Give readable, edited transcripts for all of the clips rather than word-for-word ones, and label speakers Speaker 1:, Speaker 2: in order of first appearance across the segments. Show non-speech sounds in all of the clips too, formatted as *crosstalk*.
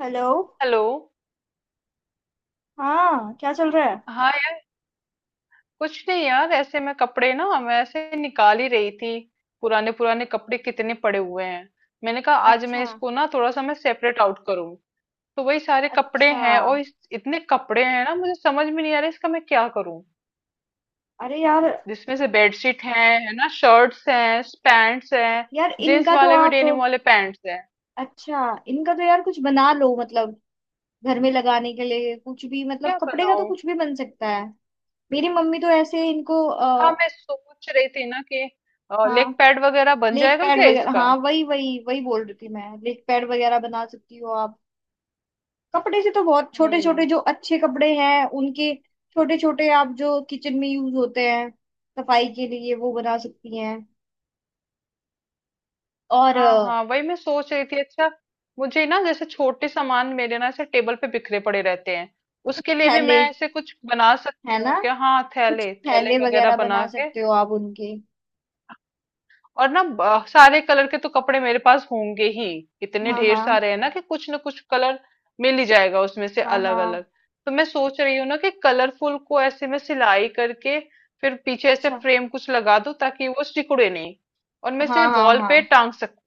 Speaker 1: Hello.
Speaker 2: Hello.
Speaker 1: हाँ क्या चल रहा है।
Speaker 2: हाँ यार, कुछ नहीं यार, ऐसे मैं कपड़े ना, मैं ऐसे निकाल ही रही थी। पुराने पुराने कपड़े कितने पड़े हुए हैं। मैंने कहा आज मैं
Speaker 1: अच्छा।
Speaker 2: इसको ना थोड़ा सा मैं सेपरेट आउट करूँ। तो वही सारे कपड़े
Speaker 1: अच्छा।
Speaker 2: हैं और इतने कपड़े हैं ना, मुझे समझ में नहीं आ रहा इसका मैं क्या करूँ।
Speaker 1: अरे यार।
Speaker 2: जिसमें से बेडशीट है ना, शर्ट्स हैं, पैंट्स हैं।
Speaker 1: यार
Speaker 2: जींस
Speaker 1: इनका तो
Speaker 2: वाले भी,
Speaker 1: आप।
Speaker 2: डेनिम वाले पैंट्स हैं।
Speaker 1: अच्छा। इनका तो यार कुछ बना लो मतलब। घर में लगाने के लिए कुछ भी मतलब
Speaker 2: क्या
Speaker 1: कपड़े का तो
Speaker 2: बनाऊं?
Speaker 1: कुछ भी बन सकता है। मेरी मम्मी तो ऐसे इनको
Speaker 2: हाँ, मैं सोच रही थी ना कि लेग
Speaker 1: हाँ
Speaker 2: पैड वगैरह बन
Speaker 1: लेग
Speaker 2: जाएगा
Speaker 1: पैड
Speaker 2: क्या
Speaker 1: वगैरह
Speaker 2: इसका।
Speaker 1: हाँ वही वही वही बोल रही थी मैं। लेग पैड वगैरह बना सकती हो आप कपड़े से तो। बहुत छोटे छोटे
Speaker 2: हम्म।
Speaker 1: जो अच्छे कपड़े हैं उनके छोटे छोटे आप जो किचन में यूज होते हैं सफाई के लिए वो बना सकती हैं। और
Speaker 2: हाँ हाँ, वही मैं सोच रही थी। अच्छा, मुझे ना जैसे छोटे सामान मेरे ना ऐसे टेबल पे बिखरे पड़े रहते हैं,
Speaker 1: कुछ
Speaker 2: उसके लिए भी
Speaker 1: थैले
Speaker 2: मैं ऐसे कुछ बना
Speaker 1: है
Speaker 2: सकती
Speaker 1: ना।
Speaker 2: हूँ क्या? हाँ,
Speaker 1: कुछ
Speaker 2: थैले थैले
Speaker 1: थैले
Speaker 2: वगैरह
Speaker 1: वगैरह
Speaker 2: बना
Speaker 1: बना
Speaker 2: के।
Speaker 1: सकते हो आप उनके।
Speaker 2: और ना सारे कलर के तो कपड़े मेरे पास होंगे ही। इतने
Speaker 1: हाँ
Speaker 2: ढेर
Speaker 1: हाँ
Speaker 2: सारे हैं ना कि कुछ ना कुछ कलर मिल ही जाएगा उसमें से
Speaker 1: हाँ
Speaker 2: अलग
Speaker 1: हाँ।
Speaker 2: अलग। तो मैं सोच रही हूँ ना कि कलरफुल को ऐसे में सिलाई करके, फिर पीछे ऐसे
Speaker 1: अच्छा।
Speaker 2: फ्रेम कुछ लगा दूं ताकि वो सिकुड़े नहीं, और मैं इसे
Speaker 1: हाँ हाँ
Speaker 2: वॉल पे
Speaker 1: हाँ
Speaker 2: टांग सकती,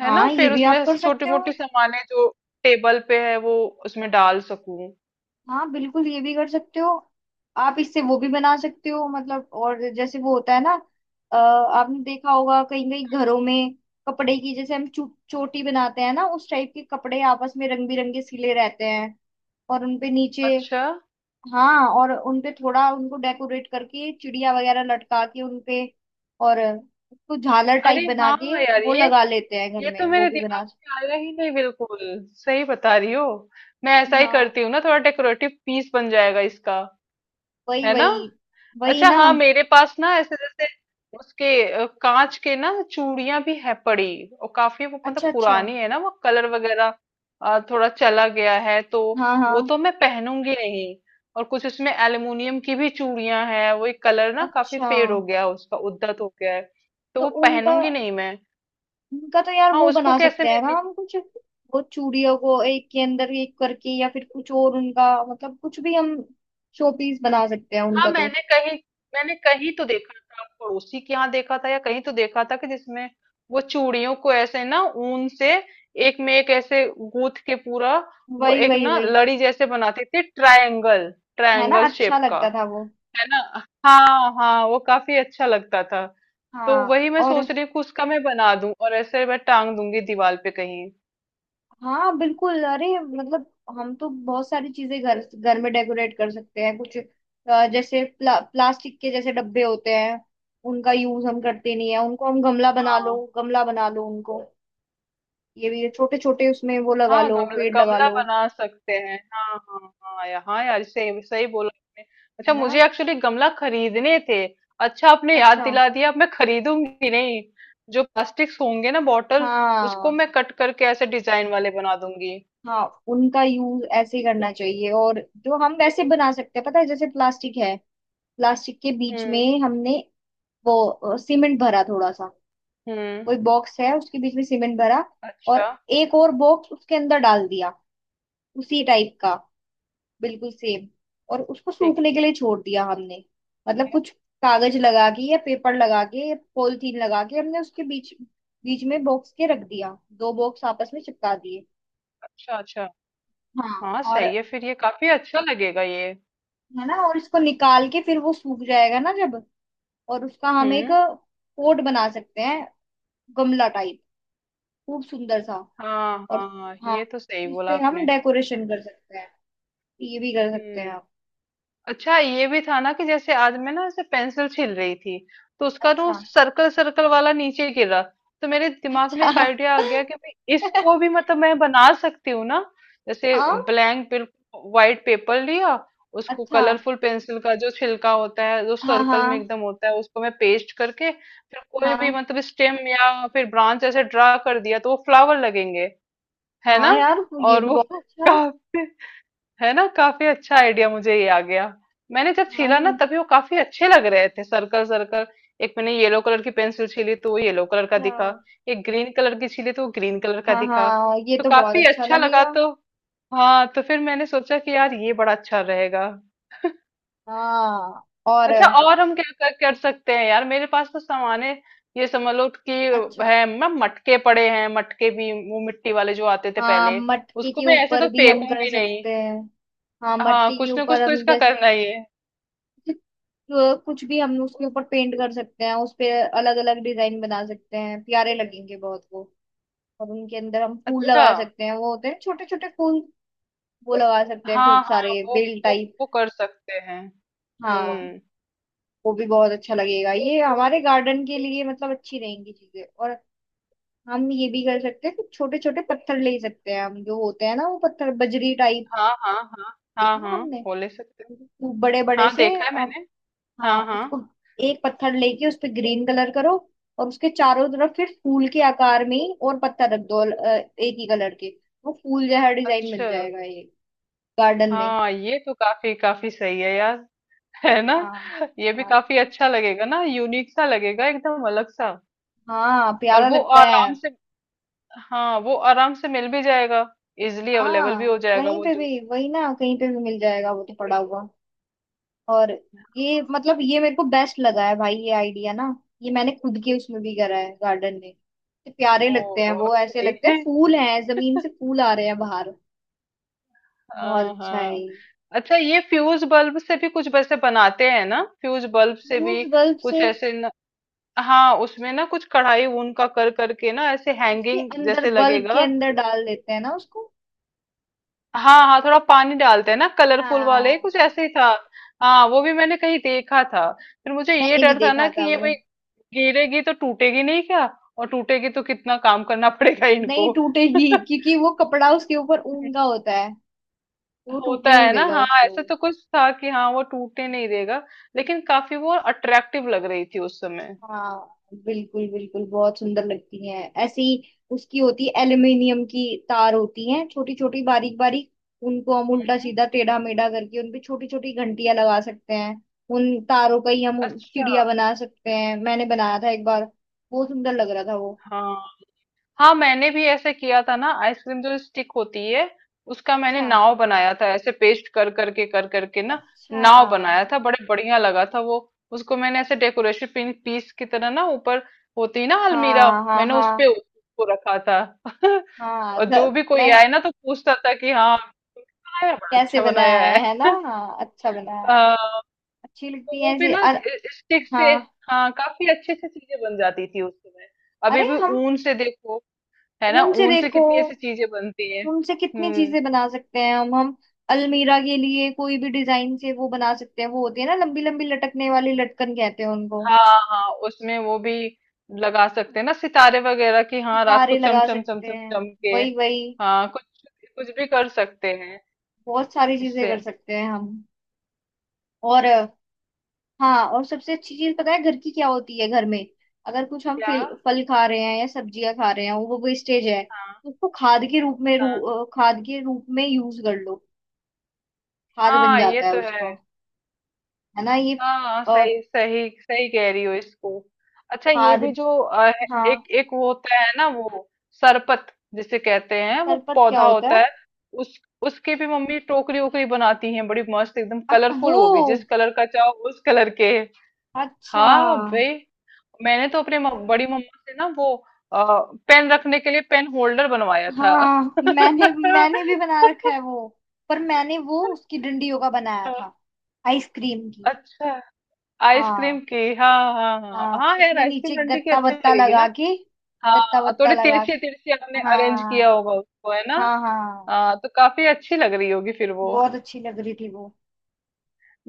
Speaker 2: है ना।
Speaker 1: हाँ। ये
Speaker 2: फिर
Speaker 1: भी आप
Speaker 2: उसमें
Speaker 1: कर
Speaker 2: छोटी
Speaker 1: सकते हो।
Speaker 2: मोटी सामानें जो टेबल पे है वो उसमें डाल सकूं।
Speaker 1: हाँ बिल्कुल ये भी कर सकते हो। आप इससे वो भी बना सकते हो मतलब। और जैसे वो होता है ना आपने देखा होगा कहीं कहीं घरों में कपड़े की जैसे हम चोटी बनाते हैं ना उस टाइप के। कपड़े आपस में रंग बिरंगे सिले रहते हैं और उनपे नीचे
Speaker 2: अच्छा।
Speaker 1: हाँ। और उनपे थोड़ा उनको डेकोरेट करके चिड़िया वगैरह लटका के उनपे। और उसको झालर
Speaker 2: अरे
Speaker 1: टाइप बना
Speaker 2: हाँ
Speaker 1: के
Speaker 2: यार
Speaker 1: वो
Speaker 2: ये
Speaker 1: लगा लेते हैं घर
Speaker 2: ये तो
Speaker 1: में। वो
Speaker 2: मेरे
Speaker 1: भी
Speaker 2: दिमाग
Speaker 1: बना सकते
Speaker 2: में आया ही नहीं बिल्कुल। सही बता रही हो, मैं
Speaker 1: हैं।
Speaker 2: ऐसा ही
Speaker 1: हाँ
Speaker 2: करती हूँ ना, थोड़ा डेकोरेटिव पीस बन जाएगा इसका,
Speaker 1: वही
Speaker 2: है ना।
Speaker 1: वही वही
Speaker 2: अच्छा
Speaker 1: ना।
Speaker 2: हाँ, मेरे पास ना ऐसे जैसे उसके कांच के ना चूड़ियां भी है पड़ी, और काफी वो
Speaker 1: अच्छा।
Speaker 2: मतलब
Speaker 1: अच्छा।
Speaker 2: पुरानी है ना, वो कलर वगैरह थोड़ा चला गया है, तो
Speaker 1: हाँ हाँ।
Speaker 2: वो तो मैं पहनूंगी नहीं। और कुछ उसमें एल्युमिनियम की भी चूड़ियां हैं, वो एक कलर ना काफी
Speaker 1: अच्छा।
Speaker 2: फेड हो गया है उसका, उद्धत हो गया है, तो
Speaker 1: तो
Speaker 2: वो
Speaker 1: उनका
Speaker 2: पहनूंगी नहीं मैं।
Speaker 1: उनका तो यार
Speaker 2: हाँ
Speaker 1: वो
Speaker 2: उसको
Speaker 1: बना
Speaker 2: कैसे
Speaker 1: सकते
Speaker 2: मैं।
Speaker 1: हैं ना हम कुछ। वो चूड़ियों को एक के अंदर एक करके या फिर कुछ और उनका मतलब कुछ भी हम शोपीस बना सकते हैं
Speaker 2: हाँ
Speaker 1: उनका तो।
Speaker 2: मैंने कहीं, मैंने कहीं तो देखा था, पड़ोसी के यहाँ देखा था, या कहीं तो देखा था कि जिसमें वो चूड़ियों को ऐसे ना ऊन से एक में एक ऐसे गूंथ के पूरा, वो
Speaker 1: वही
Speaker 2: एक
Speaker 1: वही
Speaker 2: ना
Speaker 1: वही।
Speaker 2: लड़ी जैसे बनाते थे, ट्रायंगल,
Speaker 1: है ना
Speaker 2: ट्रायंगल
Speaker 1: अच्छा
Speaker 2: शेप का,
Speaker 1: लगता था वो।
Speaker 2: है ना। हाँ हाँ, वो काफी अच्छा लगता था। तो
Speaker 1: हाँ।
Speaker 2: वही मैं
Speaker 1: और
Speaker 2: सोच रही हूँ कि उसका मैं बना दूं और ऐसे मैं टांग दूंगी दीवार पे कहीं।
Speaker 1: हाँ बिल्कुल। अरे मतलब हम तो बहुत सारी चीजें घर घर में डेकोरेट कर सकते हैं। कुछ जैसे प्लास्टिक के जैसे डब्बे होते हैं उनका यूज हम करते नहीं है। उनको हम गमला बना लो।
Speaker 2: हाँ
Speaker 1: गमला बना लो उनको। ये भी छोटे छोटे उसमें वो लगा
Speaker 2: हाँ,
Speaker 1: लो
Speaker 2: गमला
Speaker 1: पेड़ लगा
Speaker 2: गमला
Speaker 1: लो।
Speaker 2: बना सकते हैं, हाँ हाँ हाँ यार, हाँ यार, सही सही बोला आपने।
Speaker 1: है
Speaker 2: अच्छा,
Speaker 1: ना।
Speaker 2: मुझे एक्चुअली गमला खरीदने थे। अच्छा, आपने याद
Speaker 1: अच्छा।
Speaker 2: दिला दिया, अब मैं खरीदूंगी नहीं। जो प्लास्टिक्स होंगे ना बॉटल, उसको
Speaker 1: हाँ
Speaker 2: मैं कट करके ऐसे डिजाइन वाले बना दूंगी।
Speaker 1: हाँ। उनका यूज ऐसे ही करना चाहिए। और जो हम वैसे बना सकते हैं पता है जैसे प्लास्टिक है। प्लास्टिक के बीच
Speaker 2: हम्म।
Speaker 1: में हमने वो सीमेंट भरा थोड़ा सा।
Speaker 2: हम्म।
Speaker 1: वो एक बॉक्स है उसके बीच में सीमेंट भरा।
Speaker 2: अच्छा।
Speaker 1: और एक और बॉक्स उसके अंदर डाल दिया उसी टाइप का बिल्कुल सेम। और उसको
Speaker 2: ठीक
Speaker 1: सूखने के
Speaker 2: है।
Speaker 1: लिए छोड़ दिया हमने। मतलब कुछ कागज लगा के या पेपर लगा के या पॉलिथीन लगा के हमने उसके बीच बीच में बॉक्स के रख दिया। दो बॉक्स आपस में चिपका दिए।
Speaker 2: अच्छा अच्छा।
Speaker 1: हाँ
Speaker 2: हाँ
Speaker 1: और
Speaker 2: सही है, फिर ये काफी अच्छा लगेगा ये।
Speaker 1: है ना। और इसको निकाल के फिर वो सूख जाएगा ना जब। और उसका हम एक
Speaker 2: हम्म।
Speaker 1: पोट बना सकते हैं गमला टाइप खूब सुंदर सा।
Speaker 2: हाँ
Speaker 1: और
Speaker 2: हाँ,
Speaker 1: हाँ
Speaker 2: ये तो सही
Speaker 1: उस
Speaker 2: बोला
Speaker 1: पे हम
Speaker 2: आपने।
Speaker 1: डेकोरेशन कर सकते हैं। ये भी कर सकते हैं
Speaker 2: हम्म।
Speaker 1: आप।
Speaker 2: अच्छा ये भी था ना कि जैसे आज मैं ना ऐसे पेंसिल छील रही थी, तो उसका ना
Speaker 1: अच्छा
Speaker 2: सर्कल सर्कल वाला नीचे गिरा, तो मेरे दिमाग में एक
Speaker 1: अच्छा।
Speaker 2: आइडिया आ गया कि भाई इसको भी
Speaker 1: *laughs*
Speaker 2: मतलब मैं बना सकती हूँ ना। जैसे
Speaker 1: हाँ।
Speaker 2: ब्लैंक बिल्कुल व्हाइट पेपर लिया, उसको
Speaker 1: अच्छा।
Speaker 2: कलरफुल पेंसिल का जो छिलका होता है जो
Speaker 1: हाँ
Speaker 2: सर्कल
Speaker 1: हाँ
Speaker 2: में एकदम होता है उसको मैं पेस्ट करके फिर कोई भी
Speaker 1: हाँ।
Speaker 2: मतलब स्टेम या फिर ब्रांच ऐसे ड्रा कर दिया तो वो फ्लावर लगेंगे, है ना।
Speaker 1: हाँ यार वो ये
Speaker 2: और
Speaker 1: भी
Speaker 2: वो
Speaker 1: बहुत
Speaker 2: *laughs*
Speaker 1: अच्छा है।
Speaker 2: काफी, है ना, काफी अच्छा आइडिया मुझे ये आ गया। मैंने जब
Speaker 1: हाँ
Speaker 2: छीला ना तभी वो काफी अच्छे लग रहे थे, सर्कल सर्कल। एक मैंने येलो कलर की पेंसिल छीली तो वो येलो कलर का दिखा।
Speaker 1: अच्छा।
Speaker 2: एक ग्रीन कलर की छीली तो वो ग्रीन कलर का
Speaker 1: हाँ
Speaker 2: दिखा।
Speaker 1: हाँ ये
Speaker 2: तो
Speaker 1: तो बहुत
Speaker 2: काफी
Speaker 1: अच्छा
Speaker 2: अच्छा लगा,
Speaker 1: लगेगा।
Speaker 2: तो हाँ, तो फिर मैंने सोचा कि यार ये बड़ा अच्छा रहेगा। *laughs*
Speaker 1: हाँ और
Speaker 2: अच्छा, और हम क्या कर सकते हैं यार, मेरे पास तो सामान है, ये समझ लो कि।
Speaker 1: अच्छा।
Speaker 2: है, मैं मटके पड़े हैं, मटके भी वो मिट्टी वाले जो आते थे
Speaker 1: हाँ
Speaker 2: पहले,
Speaker 1: मटके
Speaker 2: उसको
Speaker 1: के
Speaker 2: मैं ऐसे
Speaker 1: ऊपर
Speaker 2: तो
Speaker 1: भी हम कर
Speaker 2: फेंकूंगी नहीं।
Speaker 1: सकते हैं। हाँ
Speaker 2: हाँ
Speaker 1: मटके के
Speaker 2: कुछ ना
Speaker 1: ऊपर
Speaker 2: कुछ तो
Speaker 1: हम
Speaker 2: इसका
Speaker 1: जैसे
Speaker 2: करना ही है।
Speaker 1: जो कुछ भी हम उसके ऊपर पेंट कर सकते हैं। उस पे अलग अलग डिजाइन बना सकते हैं प्यारे लगेंगे बहुत वो। और उनके अंदर हम फूल
Speaker 2: अच्छा
Speaker 1: लगा सकते हैं। वो होते हैं छोटे छोटे फूल। वो लगा सकते हैं
Speaker 2: हाँ
Speaker 1: खूब
Speaker 2: हाँ,
Speaker 1: सारे
Speaker 2: वो,
Speaker 1: बेल
Speaker 2: वो
Speaker 1: टाइप।
Speaker 2: वो कर सकते हैं।
Speaker 1: हाँ।
Speaker 2: हम्म।
Speaker 1: वो भी बहुत अच्छा लगेगा ये हमारे गार्डन के लिए मतलब अच्छी रहेंगी चीजें। और हम ये भी कर सकते हैं कुछ छोटे छोटे पत्थर ले सकते हैं हम। जो होते हैं ना वो पत्थर बजरी टाइप
Speaker 2: हाँ हाँ हाँ हाँ
Speaker 1: देखे हैं
Speaker 2: हाँ,
Speaker 1: हमने।
Speaker 2: वो ले सकते हैं।
Speaker 1: खूब बड़े बड़े
Speaker 2: हाँ
Speaker 1: से।
Speaker 2: देखा है
Speaker 1: अब
Speaker 2: मैंने।
Speaker 1: हाँ
Speaker 2: हाँ हाँ।
Speaker 1: उसको एक पत्थर लेके उस पे ग्रीन कलर करो। और उसके चारों तरफ फिर फूल के आकार में ही और पत्थर रख दो एक ही कलर के। वो फूल जैसा डिजाइन बन
Speaker 2: अच्छा।
Speaker 1: जाएगा ये गार्डन में।
Speaker 2: हाँ ये तो काफी काफी सही है यार। *laughs* है ना,
Speaker 1: हाँ
Speaker 2: ये भी
Speaker 1: हाँ
Speaker 2: काफी अच्छा लगेगा ना, यूनिक सा लगेगा, एकदम अलग सा।
Speaker 1: हाँ।
Speaker 2: और
Speaker 1: प्यारा
Speaker 2: वो
Speaker 1: लगता है।
Speaker 2: आराम से, हाँ वो आराम से मिल भी जाएगा, इजिली अवेलेबल भी
Speaker 1: हाँ
Speaker 2: हो जाएगा
Speaker 1: कहीं
Speaker 2: वो
Speaker 1: पे
Speaker 2: जो।
Speaker 1: भी वही ना। कहीं पे भी मिल जाएगा वो तो पड़ा हुआ। और ये मतलब ये मेरे को बेस्ट लगा है भाई ये आइडिया ना। ये मैंने खुद के उसमें भी करा है गार्डन में। इतने प्यारे
Speaker 2: ओ
Speaker 1: लगते हैं वो।
Speaker 2: बहुत
Speaker 1: ऐसे
Speaker 2: सही
Speaker 1: लगते हैं
Speaker 2: है।
Speaker 1: फूल हैं जमीन से फूल आ रहे हैं बाहर। बहुत
Speaker 2: हाँ
Speaker 1: अच्छा है
Speaker 2: हाँ।
Speaker 1: ये।
Speaker 2: अच्छा ये फ्यूज बल्ब से भी कुछ वैसे बनाते हैं ना, फ्यूज बल्ब से भी
Speaker 1: फ्यूज बल्ब
Speaker 2: कुछ
Speaker 1: से
Speaker 2: ऐसे न, हाँ उसमें ना कुछ कढ़ाई ऊन का कर करके ना ऐसे
Speaker 1: उसके
Speaker 2: हैंगिंग
Speaker 1: अंदर
Speaker 2: जैसे
Speaker 1: बल्ब के
Speaker 2: लगेगा।
Speaker 1: अंदर डाल देते हैं ना उसको।
Speaker 2: हाँ हाँ थोड़ा पानी डालते हैं ना, कलरफुल वाले,
Speaker 1: हाँ
Speaker 2: कुछ ऐसे ही था। हाँ वो भी मैंने कहीं देखा था। फिर मुझे ये
Speaker 1: मैंने भी
Speaker 2: डर था
Speaker 1: देखा
Speaker 2: ना
Speaker 1: था
Speaker 2: कि ये
Speaker 1: वो।
Speaker 2: भाई गिरेगी तो टूटेगी नहीं क्या, और टूटेगी तो कितना काम करना पड़ेगा
Speaker 1: नहीं
Speaker 2: इनको।
Speaker 1: टूटेगी
Speaker 2: *laughs*
Speaker 1: क्योंकि वो कपड़ा उसके ऊपर ऊन का होता है। तो वो
Speaker 2: होता
Speaker 1: टूटने नहीं
Speaker 2: है ना,
Speaker 1: देगा
Speaker 2: हाँ,
Speaker 1: उसको।
Speaker 2: ऐसा तो कुछ था कि हाँ वो टूटने नहीं देगा, लेकिन काफी वो अट्रैक्टिव लग रही थी उस समय।
Speaker 1: हाँ बिल्कुल बिल्कुल। बहुत सुंदर लगती हैं ऐसी। उसकी होती है एल्युमिनियम की तार होती हैं छोटी छोटी बारीक बारीक। उनको हम उल्टा
Speaker 2: हम्म।
Speaker 1: सीधा टेढ़ा मेढ़ा करके उनपे छोटी छोटी घंटियां लगा सकते हैं। उन तारों का ही हम
Speaker 2: अच्छा।
Speaker 1: चिड़िया बना सकते हैं। मैंने बनाया था एक बार। बहुत सुंदर लग रहा था वो।
Speaker 2: हाँ हाँ, मैंने भी ऐसे किया था ना, आइसक्रीम जो स्टिक होती है उसका मैंने
Speaker 1: अच्छा।
Speaker 2: नाव बनाया था, ऐसे पेस्ट कर करके ना,
Speaker 1: अच्छा।
Speaker 2: नाव बनाया था, बड़े बढ़िया लगा था वो। उसको मैंने ऐसे डेकोरेशन पिन पीस की तरह ना ऊपर, होती है ना अलमीरा,
Speaker 1: हाँ हाँ
Speaker 2: मैंने उस पे
Speaker 1: हाँ
Speaker 2: उसको रखा था। *laughs*
Speaker 1: हाँ।
Speaker 2: और जो भी कोई
Speaker 1: मैं
Speaker 2: आए ना तो पूछता था कि हाँ, बनाया, बड़ा
Speaker 1: कैसे
Speaker 2: अच्छा
Speaker 1: बनाया
Speaker 2: बनाया है।
Speaker 1: है। है ना हाँ अच्छा बनाया है।
Speaker 2: अ,
Speaker 1: अच्छी
Speaker 2: तो
Speaker 1: लगती
Speaker 2: वो
Speaker 1: है
Speaker 2: भी
Speaker 1: ऐसे
Speaker 2: ना स्टिक से।
Speaker 1: हाँ।
Speaker 2: हाँ काफी अच्छे से चीजें बन जाती थी उस समय, अभी
Speaker 1: अरे
Speaker 2: भी।
Speaker 1: हम
Speaker 2: ऊन से देखो, है ना,
Speaker 1: ऊन से
Speaker 2: ऊन से
Speaker 1: देखो
Speaker 2: कितनी ऐसी चीजें बनती हैं।
Speaker 1: उनसे कितनी
Speaker 2: हम्म।
Speaker 1: चीजें बना सकते हैं हम। अलमीरा के लिए कोई भी डिजाइन से वो बना सकते हैं। वो होती है ना लंबी लंबी लटकने वाली लटकन कहते हैं उनको।
Speaker 2: हाँ हाँ उसमें वो भी लगा सकते हैं ना, सितारे वगैरह की, हाँ रात को
Speaker 1: सितारे
Speaker 2: चम
Speaker 1: लगा
Speaker 2: चम चम
Speaker 1: सकते
Speaker 2: चम
Speaker 1: हैं
Speaker 2: चम के।
Speaker 1: वही वही।
Speaker 2: हाँ कुछ, कुछ भी कर सकते हैं
Speaker 1: बहुत सारी चीजें
Speaker 2: इससे।
Speaker 1: कर सकते हैं हम। और हाँ और सबसे अच्छी चीज पता है घर की क्या होती है घर में। अगर कुछ हम
Speaker 2: क्या।
Speaker 1: फल फल खा रहे हैं या सब्जियां खा रहे हैं वो वेस्टेज है
Speaker 2: हाँ
Speaker 1: तो उसको खाद के रूप में
Speaker 2: हाँ
Speaker 1: खाद के रूप में यूज कर लो। खाद बन
Speaker 2: हाँ, ये
Speaker 1: जाता है
Speaker 2: तो है।
Speaker 1: उसका। है ना ये।
Speaker 2: हाँ
Speaker 1: और
Speaker 2: सही सही सही कह रही हो इसको। अच्छा ये
Speaker 1: खाद
Speaker 2: भी जो
Speaker 1: हाँ
Speaker 2: एक एक वो होता है ना, वो सरपत जिसे कहते हैं, वो
Speaker 1: खरपत क्या
Speaker 2: पौधा
Speaker 1: होता
Speaker 2: होता
Speaker 1: है।
Speaker 2: है। उस उसकी भी मम्मी टोकरी ओकरी बनाती हैं, बड़ी मस्त, एकदम
Speaker 1: अच्छा
Speaker 2: कलरफुल,
Speaker 1: वो।
Speaker 2: वो भी जिस कलर का चाहो उस कलर के।
Speaker 1: अच्छा।
Speaker 2: हाँ भाई। मैंने तो अपने बड़ी मम्मा से ना वो आ, पेन रखने के लिए पेन होल्डर बनवाया था।
Speaker 1: हाँ मैंने मैंने भी बना रखा
Speaker 2: *laughs*
Speaker 1: है वो। पर मैंने वो उसकी डंडियों का बनाया था आइसक्रीम की।
Speaker 2: अच्छा
Speaker 1: हाँ
Speaker 2: आइसक्रीम की, हाँ हाँ हाँ
Speaker 1: हाँ
Speaker 2: हाँ यार,
Speaker 1: उसमें
Speaker 2: आइसक्रीम
Speaker 1: नीचे
Speaker 2: डंडी की
Speaker 1: गत्ता
Speaker 2: अच्छी
Speaker 1: वत्ता
Speaker 2: लगेगी
Speaker 1: लगा
Speaker 2: ना।
Speaker 1: के गत्ता
Speaker 2: हाँ
Speaker 1: वत्ता
Speaker 2: थोड़ी
Speaker 1: लगा
Speaker 2: तिरछी
Speaker 1: के।
Speaker 2: तिरछी आपने अरेंज किया
Speaker 1: हाँ
Speaker 2: होगा उसको, है ना।
Speaker 1: हाँ हाँ।
Speaker 2: हाँ तो काफी अच्छी लग रही होगी फिर वो।
Speaker 1: बहुत अच्छी लग रही थी वो।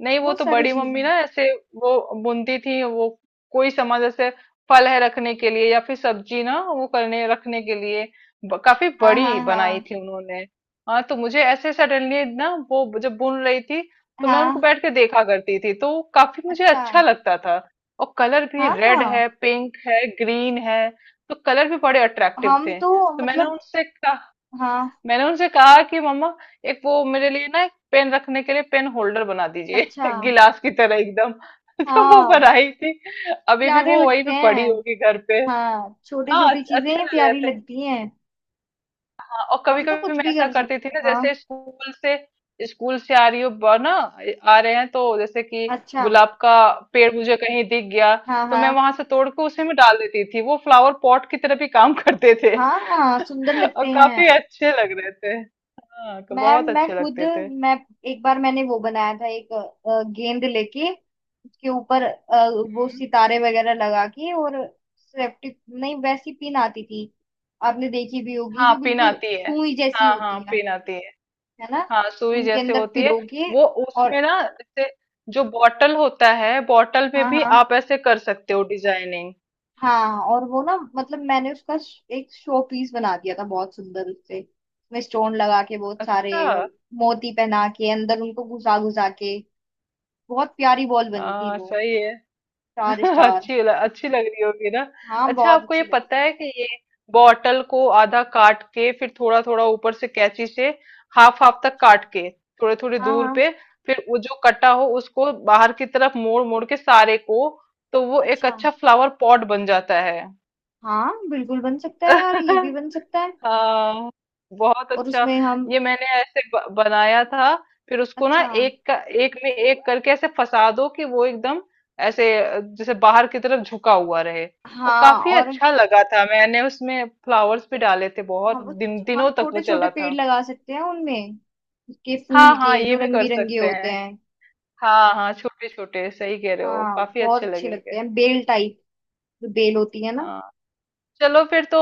Speaker 2: नहीं वो
Speaker 1: वो
Speaker 2: तो
Speaker 1: सारी
Speaker 2: बड़ी
Speaker 1: चीजें
Speaker 2: मम्मी ना ऐसे, वो बुनती थी वो, कोई सामान जैसे फल है रखने के लिए, या फिर सब्जी ना वो करने रखने के लिए, काफी
Speaker 1: हाँ
Speaker 2: बड़ी
Speaker 1: हाँ
Speaker 2: बनाई
Speaker 1: हाँ
Speaker 2: थी उन्होंने। हाँ तो मुझे ऐसे सडनली ना, वो जब बुन रही थी तो मैं उनको
Speaker 1: हाँ।
Speaker 2: बैठ के देखा करती थी, तो काफी मुझे
Speaker 1: अच्छा।
Speaker 2: अच्छा लगता था। और कलर भी,
Speaker 1: हाँ
Speaker 2: रेड है,
Speaker 1: हाँ।
Speaker 2: पिंक है, ग्रीन है, तो कलर भी बड़े अट्रैक्टिव
Speaker 1: हम
Speaker 2: थे,
Speaker 1: तो
Speaker 2: तो मैंने
Speaker 1: मतलब
Speaker 2: उनसे कहा,
Speaker 1: हाँ।
Speaker 2: मैंने उनसे कहा कि मम्मा एक वो मेरे लिए ना, एक पेन रखने के लिए पेन होल्डर बना दीजिए,
Speaker 1: अच्छा
Speaker 2: *laughs* गिलास की तरह एकदम। *laughs* तो वो
Speaker 1: हाँ
Speaker 2: बनाई थी। अभी भी
Speaker 1: प्यारे
Speaker 2: वो वहीं
Speaker 1: लगते
Speaker 2: पे पड़ी
Speaker 1: हैं।
Speaker 2: होगी घर पे।
Speaker 1: हाँ छोटी
Speaker 2: हाँ
Speaker 1: छोटी
Speaker 2: अच्छे
Speaker 1: चीजें
Speaker 2: अच्छे
Speaker 1: ही
Speaker 2: लग रहे
Speaker 1: प्यारी
Speaker 2: थे।
Speaker 1: लगती हैं।
Speaker 2: और कभी
Speaker 1: हम तो
Speaker 2: कभी
Speaker 1: कुछ
Speaker 2: मैं
Speaker 1: भी
Speaker 2: ऐसा
Speaker 1: कर
Speaker 2: करती थी
Speaker 1: सकते हैं
Speaker 2: ना जैसे
Speaker 1: हाँ।
Speaker 2: स्कूल से, स्कूल से आ रही हो ना, आ रहे हैं तो जैसे कि
Speaker 1: अच्छा।
Speaker 2: गुलाब का पेड़ मुझे कहीं दिख गया,
Speaker 1: हाँ
Speaker 2: तो मैं
Speaker 1: हाँ
Speaker 2: वहां से तोड़ के उसी में डाल देती थी, वो फ्लावर पॉट की तरह भी काम करते थे।
Speaker 1: हाँ हाँ सुंदर
Speaker 2: *laughs*
Speaker 1: लगते
Speaker 2: और काफी
Speaker 1: हैं।
Speaker 2: अच्छे लग रहे थे, हाँ,
Speaker 1: मैं
Speaker 2: बहुत
Speaker 1: मैं
Speaker 2: अच्छे
Speaker 1: खुद
Speaker 2: लगते थे।
Speaker 1: मैं एक बार मैंने वो बनाया था एक गेंद लेके। उसके ऊपर वो
Speaker 2: हम्म।
Speaker 1: सितारे वगैरह लगा के और सेफ्टी नहीं वैसी पिन आती थी। आपने देखी भी होगी
Speaker 2: हाँ
Speaker 1: जो
Speaker 2: पिन
Speaker 1: बिल्कुल
Speaker 2: आती है,
Speaker 1: सुई जैसी
Speaker 2: हाँ हाँ
Speaker 1: होती है।
Speaker 2: पिन आती है।
Speaker 1: है ना।
Speaker 2: हाँ सुई
Speaker 1: उनके
Speaker 2: जैसे
Speaker 1: अंदर
Speaker 2: होती है।
Speaker 1: पिरो के
Speaker 2: वो उसमें
Speaker 1: और
Speaker 2: ना जैसे जो बॉटल होता है, बॉटल में
Speaker 1: हाँ
Speaker 2: भी
Speaker 1: हाँ
Speaker 2: आप ऐसे कर सकते हो डिजाइनिंग।
Speaker 1: हाँ। और वो ना मतलब मैंने उसका एक शो पीस बना दिया था बहुत सुंदर उससे उसमें स्टोन लगा के बहुत सारे।
Speaker 2: अच्छा
Speaker 1: और मोती पहना के अंदर उनको घुसा घुसा के बहुत प्यारी बॉल बनी थी
Speaker 2: हाँ
Speaker 1: वो।
Speaker 2: सही है।
Speaker 1: चार
Speaker 2: *laughs*
Speaker 1: स्टार।
Speaker 2: अच्छी लग रही होगी ना।
Speaker 1: हाँ
Speaker 2: अच्छा
Speaker 1: बहुत
Speaker 2: आपको ये
Speaker 1: अच्छी लगी।
Speaker 2: पता है कि ये बॉटल को आधा काट के, फिर थोड़ा थोड़ा ऊपर से कैंची से, हाफ हाफ तक
Speaker 1: अच्छा।
Speaker 2: काट के, थोड़े थोड़े
Speaker 1: हाँ
Speaker 2: दूर
Speaker 1: हाँ।
Speaker 2: पे, फिर वो जो कटा हो उसको बाहर की तरफ मोड़ मोड़ के सारे को, तो वो एक
Speaker 1: अच्छा।
Speaker 2: अच्छा फ्लावर पॉट बन जाता है।
Speaker 1: हाँ बिल्कुल बन सकता है यार ये भी
Speaker 2: *laughs*
Speaker 1: बन सकता है।
Speaker 2: हाँ बहुत
Speaker 1: और
Speaker 2: अच्छा।
Speaker 1: उसमें हम
Speaker 2: ये मैंने ऐसे बनाया था। फिर उसको ना
Speaker 1: अच्छा
Speaker 2: एक का, एक में एक करके ऐसे फंसा दो कि वो एकदम ऐसे जैसे बाहर की तरफ झुका हुआ रहे, और
Speaker 1: हाँ।
Speaker 2: काफी
Speaker 1: और
Speaker 2: अच्छा लगा था, मैंने उसमें फ्लावर्स भी डाले थे, बहुत
Speaker 1: हम
Speaker 2: दिन
Speaker 1: हम
Speaker 2: दिनों तक वो
Speaker 1: छोटे छोटे
Speaker 2: चला
Speaker 1: पेड़
Speaker 2: था।
Speaker 1: लगा सकते हैं उनमें उसके फूल
Speaker 2: हाँ हाँ
Speaker 1: के
Speaker 2: ये
Speaker 1: जो
Speaker 2: भी
Speaker 1: रंग
Speaker 2: कर
Speaker 1: बिरंगे
Speaker 2: सकते
Speaker 1: होते
Speaker 2: हैं।
Speaker 1: हैं।
Speaker 2: हाँ हाँ छोटे छोटे, सही कह रहे हो,
Speaker 1: हाँ
Speaker 2: काफी
Speaker 1: बहुत
Speaker 2: अच्छे
Speaker 1: अच्छे लगते
Speaker 2: लगेंगे।
Speaker 1: हैं बेल टाइप जो बेल होती है ना।
Speaker 2: हाँ चलो फिर तो,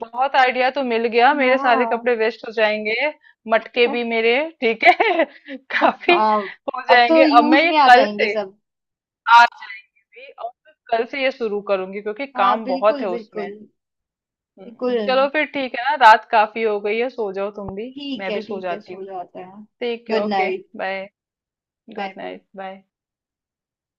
Speaker 2: बहुत आइडिया तो मिल गया, मेरे सारे
Speaker 1: हाँ।
Speaker 2: कपड़े वेस्ट हो जाएंगे, मटके भी मेरे, ठीक है। *laughs*
Speaker 1: *laughs*
Speaker 2: काफी
Speaker 1: हाँ।
Speaker 2: हो
Speaker 1: अब तो
Speaker 2: जाएंगे। अब मैं
Speaker 1: यूज
Speaker 2: ये
Speaker 1: में आ
Speaker 2: कल
Speaker 1: जाएंगे
Speaker 2: से,
Speaker 1: सब।
Speaker 2: आज जाएंगे भी, और मैं कल से ये शुरू करूंगी क्योंकि
Speaker 1: हाँ
Speaker 2: काम बहुत
Speaker 1: बिल्कुल
Speaker 2: है उसमें।
Speaker 1: बिल्कुल बिल्कुल।
Speaker 2: चलो फिर ठीक है ना, रात काफी हो गई है, सो जाओ तुम भी। मैं भी सो
Speaker 1: ठीक है
Speaker 2: जाती
Speaker 1: सो
Speaker 2: हूँ।
Speaker 1: जाते हैं।
Speaker 2: ठीक है,
Speaker 1: good
Speaker 2: okay,
Speaker 1: night.
Speaker 2: Bye.
Speaker 1: Bye
Speaker 2: good
Speaker 1: bye.
Speaker 2: Night, bye.